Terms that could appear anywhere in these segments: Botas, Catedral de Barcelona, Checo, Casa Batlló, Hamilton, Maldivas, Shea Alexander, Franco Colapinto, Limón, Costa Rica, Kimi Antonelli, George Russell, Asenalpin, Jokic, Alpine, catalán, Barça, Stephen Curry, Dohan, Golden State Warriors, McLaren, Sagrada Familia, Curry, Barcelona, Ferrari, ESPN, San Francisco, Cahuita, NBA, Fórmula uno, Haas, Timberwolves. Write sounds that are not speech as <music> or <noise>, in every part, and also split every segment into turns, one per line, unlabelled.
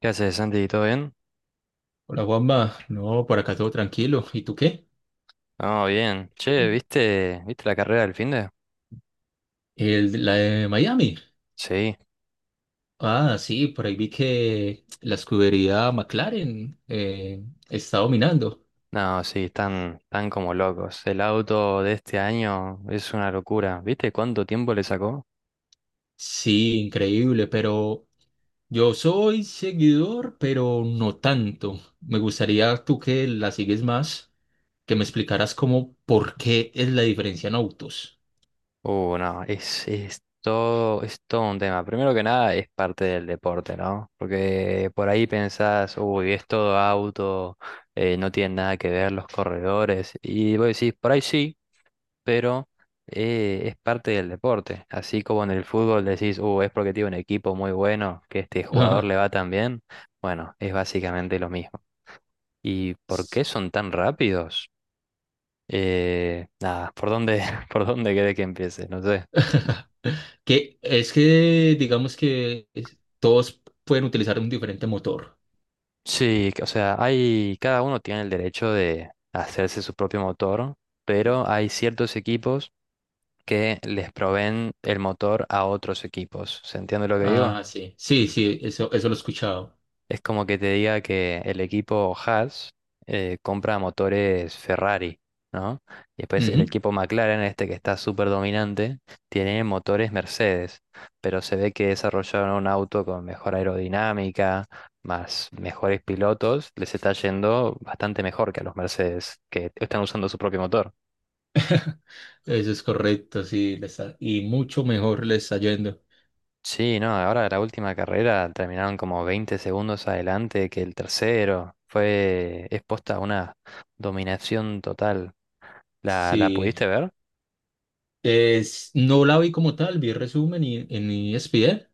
¿Qué haces, Santi? ¿Todo bien?
Hola Juanma, no, por acá todo tranquilo. ¿Y tú qué?
No, bien. Che, ¿viste la carrera del finde?
La de Miami.
Sí.
Ah, sí, por ahí vi que la escudería McLaren está dominando.
No, sí, están como locos. El auto de este año es una locura. ¿Viste cuánto tiempo le sacó?
Sí, increíble, pero yo soy seguidor, pero no tanto. Me gustaría tú que la sigues más, que me explicaras cómo, por qué es la diferencia en autos.
No, es todo un tema. Primero que nada, es parte del deporte, ¿no? Porque por ahí pensás, uy, es todo auto, no tiene nada que ver los corredores. Y vos decís, por ahí sí. Pero, es parte del deporte. Así como en el fútbol decís, es porque tiene un equipo muy bueno, que este jugador le va
<laughs>
tan bien. Bueno, es básicamente lo mismo. ¿Y por qué son tan rápidos? Nada, ¿por dónde, <laughs> por dónde querés que empiece? No sé.
Que es que digamos todos pueden utilizar un diferente motor.
Sí, o sea, cada uno tiene el derecho de hacerse su propio motor, pero hay ciertos equipos que les proveen el motor a otros equipos. ¿Se entiende lo que digo?
Ah, sí, sí, sí, eso lo he escuchado.
Es como que te diga que el equipo Haas compra motores Ferrari, ¿no? Y después el
Ujú.
equipo McLaren, este que está súper dominante, tiene motores Mercedes, pero se ve que desarrollaron un auto con mejor aerodinámica, más mejores pilotos, les está yendo bastante mejor que a los Mercedes, que están usando su propio motor.
Eso es correcto, sí, y mucho mejor le está yendo.
Sí, no, ahora la última carrera terminaron como 20 segundos adelante que el tercero. Fue expuesta a una dominación total. ¿La
Sí,
pudiste ver?
no la vi como tal, vi resumen y en ESPN,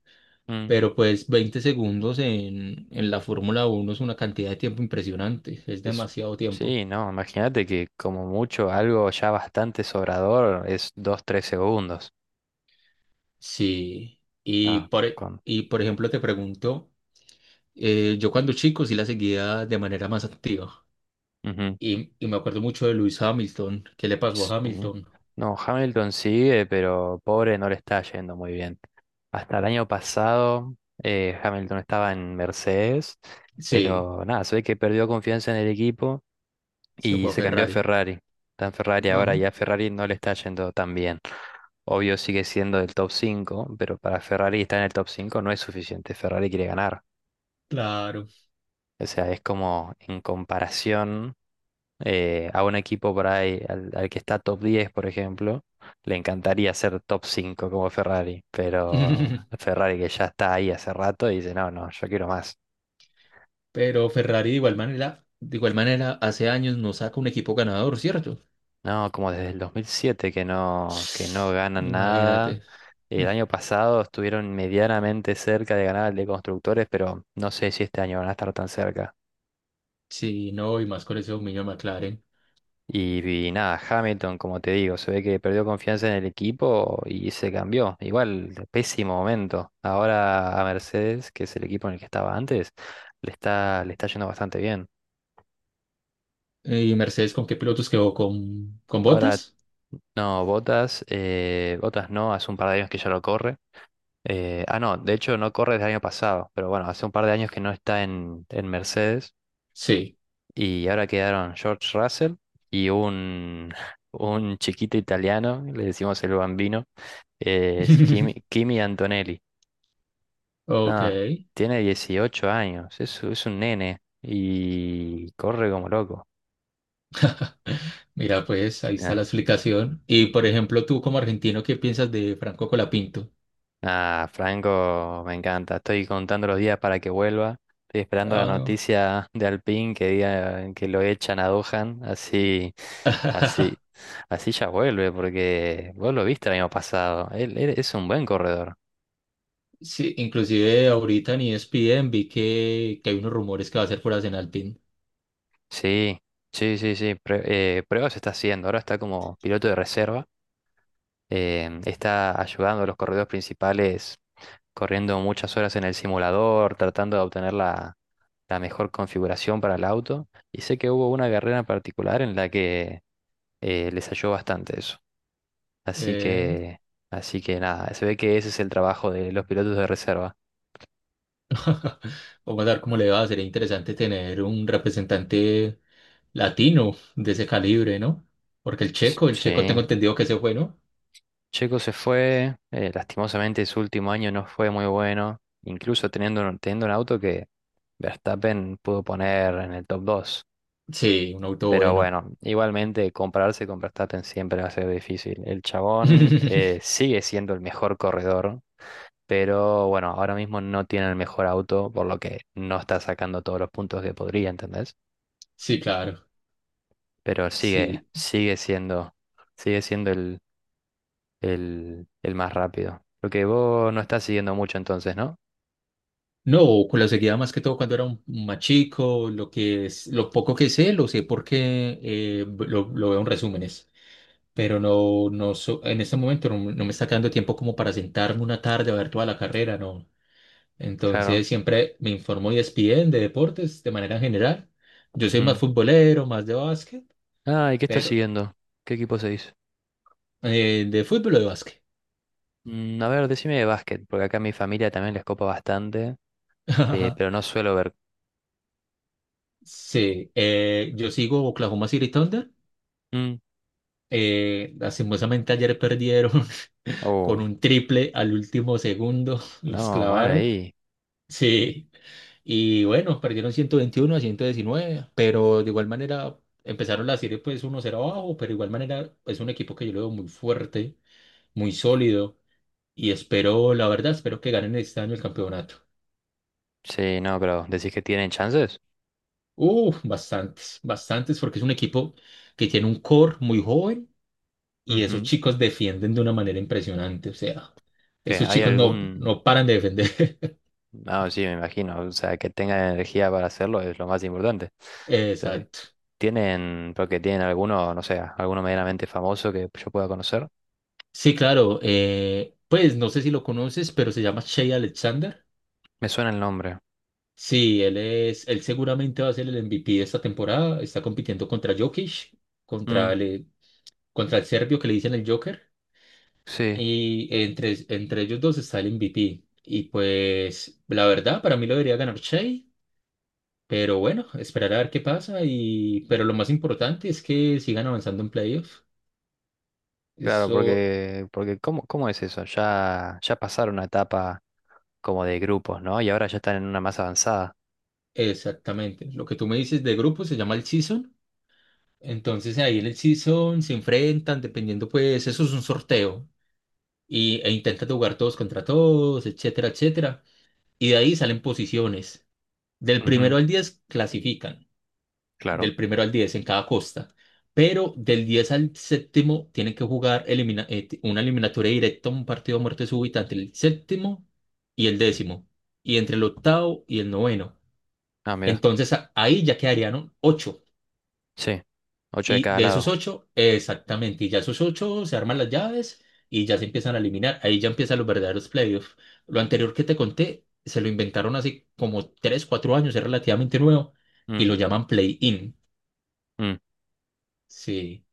Mm.
pero pues 20 segundos en la Fórmula 1 es una cantidad de tiempo impresionante, es
Es,
demasiado tiempo.
sí, no, imagínate que como mucho algo ya bastante sobrador es dos tres segundos.
Sí,
Ah, con...
y por ejemplo te pregunto, yo cuando chico sí la seguía de manera más activa,
ujú,
y me acuerdo mucho de Luis Hamilton. ¿Qué le pasó a
Sí.
Hamilton?
No, Hamilton sigue, pero pobre no le está yendo muy bien. Hasta el año pasado Hamilton estaba en Mercedes,
Sí.
pero nada, se ve que perdió confianza en el equipo
Se
y
fue a
se cambió a
Ferrari.
Ferrari. Está en Ferrari
Ajá,
ahora y a Ferrari no le está yendo tan bien. Obvio sigue siendo del top cinco, pero para Ferrari estar en el top 5 no es suficiente. Ferrari quiere ganar.
claro.
O sea, es como en comparación a un equipo por ahí, al que está top diez, por ejemplo, le encantaría ser top 5 como Ferrari, pero
<laughs>
Ferrari, que ya está ahí hace rato, dice, no, no, yo quiero más.
Pero Ferrari, de igual manera, hace años no saca un equipo ganador, ¿cierto?
No, como desde el 2007 que no,
<sniffs>
ganan nada.
Imagínate. Mm.
El año pasado estuvieron medianamente cerca de ganar el de constructores, pero no sé si este año van a estar tan cerca.
Sí, no, y más con ese dominio de McLaren.
Y nada, Hamilton, como te digo, se ve que perdió confianza en el equipo y se cambió. Igual, pésimo momento. Ahora a Mercedes, que es el equipo en el que estaba antes, le está yendo bastante bien.
¿Y Mercedes con qué pilotos quedó? ¿Con
Ahora
Bottas?
no, Botas, Botas no, hace un par de años que ya lo corre. Ah, no, de hecho no corre desde el año pasado, pero bueno, hace un par de años que no está en, Mercedes.
Sí.
Y ahora quedaron George Russell y un, <laughs> un chiquito italiano, le decimos el bambino, es Kimi,
<laughs>
Kimi Antonelli.
Ok.
Ah, tiene 18 años, es un nene y corre como loco.
<laughs> Mira, pues ahí está
Ah,
la explicación. Y por ejemplo, tú como argentino, ¿qué piensas de Franco Colapinto?
Ah, Franco, me encanta. Estoy contando los días para que vuelva. Estoy esperando la
Ah, no.
noticia de Alpine que diga que lo echan a Dohan. Así,
<laughs>
así, así ya vuelve, porque vos lo viste el año pasado. Él es un buen corredor.
Sí, inclusive ahorita en ESPN vi que hay unos rumores que va a ser por Asenalpin.
Sí, sí, sí, sí. Pruebas está haciendo. Ahora está como piloto de reserva. Está ayudando a los corredores principales, corriendo muchas horas en el simulador, tratando de obtener la mejor configuración para el auto. Y sé que hubo una carrera en particular en la que les ayudó bastante eso. Así
Eh,
que, Así que nada, se ve que ese es el trabajo de los pilotos de reserva.
<laughs> Vamos a ver cómo le va. Sería interesante tener un representante latino de ese calibre, ¿no? Porque el
S-
checo, el checo tengo
Sí,
entendido que se fue, ¿no?
Checo se fue, lastimosamente su último año no fue muy bueno, incluso teniendo un auto que Verstappen pudo poner en el top dos.
Sí, un auto
Pero
bueno.
bueno, igualmente compararse con Verstappen siempre va a ser difícil. El chabón
<laughs>
sigue siendo el mejor corredor, pero bueno, ahora mismo no tiene el mejor auto, por lo que no está sacando todos los puntos que podría, ¿entendés?
Sí, claro.
Pero
Sí.
sigue siendo el más rápido. Lo que vos no estás siguiendo mucho entonces, ¿no?
No, con la seguía más que todo cuando era un más chico. Lo que es, lo poco que sé, lo sé porque lo veo en resúmenes. Pero no, en este momento no me está quedando tiempo como para sentarme una tarde a ver toda la carrera, no.
Claro.
Entonces siempre me informo y ESPN de deportes de manera general. Yo soy más
Ujú.
futbolero, más de básquet,
Ah, ¿y qué estás
pero
siguiendo? ¿Qué equipo seguís?
de fútbol o de básquet.
A ver, decime de básquet, porque acá a mi familia también les copa bastante, pero
<laughs>
no suelo ver.
Sí, yo sigo Oklahoma City Thunder.
Mm.
Lastimosamente ayer perdieron <laughs> con
Oh,
un triple al último segundo, <laughs> los
no, mal
clavaron.
ahí.
Sí. Y bueno, perdieron 121-119, pero de igual manera empezaron la serie pues 1-0 abajo. Pero de igual manera es un equipo que yo lo veo muy fuerte, muy sólido, y espero, la verdad, espero que ganen este año el campeonato.
Sí, no, pero ¿decís que tienen chances?
Uf, bastantes, bastantes, porque es un equipo que tiene un core muy joven y esos
Ujú.
chicos defienden de una manera impresionante. O sea,
¿Que
esos
hay
chicos no,
algún?
no paran de defender.
No, sí, me imagino. O sea, que tengan energía para hacerlo es lo más importante.
<laughs>
Sí.
Exacto.
¿Porque tienen alguno, no sé, alguno medianamente famoso que yo pueda conocer?
Sí, claro, pues no sé si lo conoces, pero se llama Shea Alexander.
Me suena el nombre.
Sí, él seguramente va a ser el MVP de esta temporada. Está compitiendo contra Jokic, contra
Mm,
el, contra el serbio que le dicen el Joker.
sí,
Y entre ellos dos está el MVP. Y pues, la verdad, para mí lo debería ganar Shea, pero bueno, esperar a ver qué pasa. Pero lo más importante es que sigan avanzando en playoffs.
claro,
Eso
porque, cómo es eso? Ya pasaron una etapa como de grupos, ¿no? Y ahora ya están en una más avanzada.
exactamente. Lo que tú me dices de grupo se llama el season. Entonces ahí en el season se enfrentan, dependiendo, pues, eso es un sorteo. E intentan jugar todos contra todos, etcétera, etcétera. Y de ahí salen posiciones. Del
Ujú.
primero al 10 clasifican,
Claro.
del primero al 10 en cada costa, pero del 10 al séptimo tienen que jugar una eliminatoria directa, un partido a muerte súbita entre el séptimo y el décimo, y entre el octavo y el noveno.
Ah, mira.
Entonces ahí ya quedarían ocho.
Sí. Ocho de
Y
cada
de esos
lado.
ocho, exactamente, y ya esos ocho se arman las llaves y ya se empiezan a eliminar. Ahí ya empiezan los verdaderos playoffs. Lo anterior que te conté, se lo inventaron hace como 3 o 4 años, es relativamente nuevo, y lo llaman play-in.
Mm,
Sí.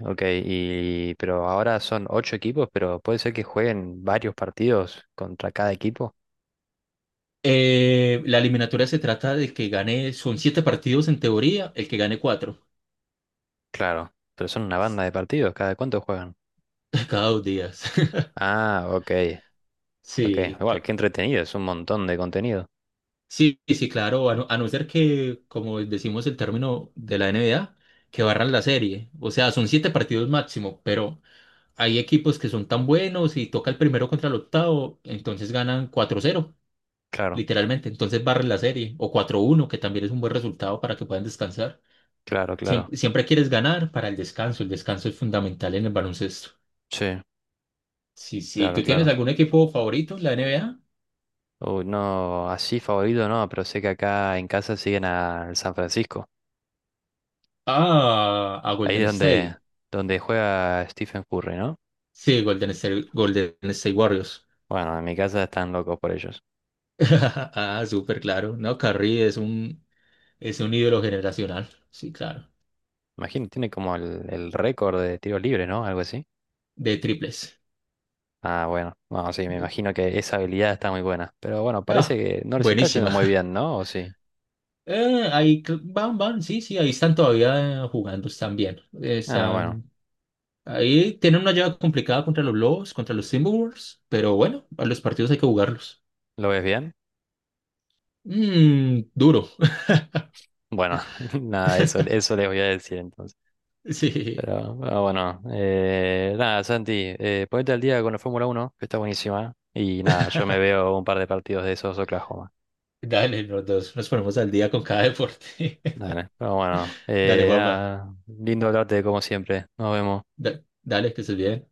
ok, y pero ahora son ocho equipos, pero puede ser que jueguen varios partidos contra cada equipo.
La eliminatoria se trata de que gane, son siete partidos en teoría, el que gane cuatro
Claro, pero son una banda de partidos, ¿cada cuánto juegan?
<laughs> cada 2 días. <laughs>
Ah, ok, ok.
Sí.
Igual, qué entretenido, es un montón de contenido.
Sí, sí, claro, a no ser que, como decimos el término de la NBA, que barran la serie. O sea, son 7 partidos máximo, pero hay equipos que son tan buenos y toca el primero contra el octavo, entonces ganan 4-0,
Claro,
literalmente. Entonces barren la serie, o 4-1, que también es un buen resultado para que puedan descansar.
claro, claro.
Siempre, siempre quieres ganar para el descanso es fundamental en el baloncesto.
Sí,
Sí, sí,
claro,
¿tú tienes
claro.
algún equipo favorito en la NBA?
Uy, no, así favorito no, pero sé que acá en casa siguen al San Francisco.
Ah, a
Ahí
Golden
es
State.
donde juega Stephen Curry, ¿no?
Sí, Golden State, Golden State Warriors.
Bueno, en mi casa están locos por ellos.
<laughs> Ah, súper claro. No, Curry es un, ídolo generacional. Sí, claro.
Imagino, tiene como el récord de tiros libres, ¿no? Algo así.
De triples.
Ah, bueno, no, sí, me
De-
imagino que esa habilidad está muy buena. Pero bueno, parece
ah,
que no les está yendo
buenísima.
muy
<laughs>
bien, ¿no? ¿O sí?
Ahí van, sí, sí, ahí están todavía jugando, están bien.
Ah, bueno,
Ahí tienen una llave complicada contra los Lobos, contra los Timberwolves, pero bueno, a los partidos hay que jugarlos.
¿lo ves bien?
Mm, duro.
Bueno, <laughs> nada, eso les voy a decir entonces.
<laughs> Sí.
Pero ah, bueno, nada, Santi, ponete al día con la Fórmula Uno que está buenísima. Y nada, yo me veo un par de partidos de esos Oklahoma.
Dale, los dos nos ponemos al día con cada deporte.
Dale, pero bueno,
<laughs> Dale, Juanma.
nada, lindo hablarte como siempre. Nos vemos.
Dale, que estés bien.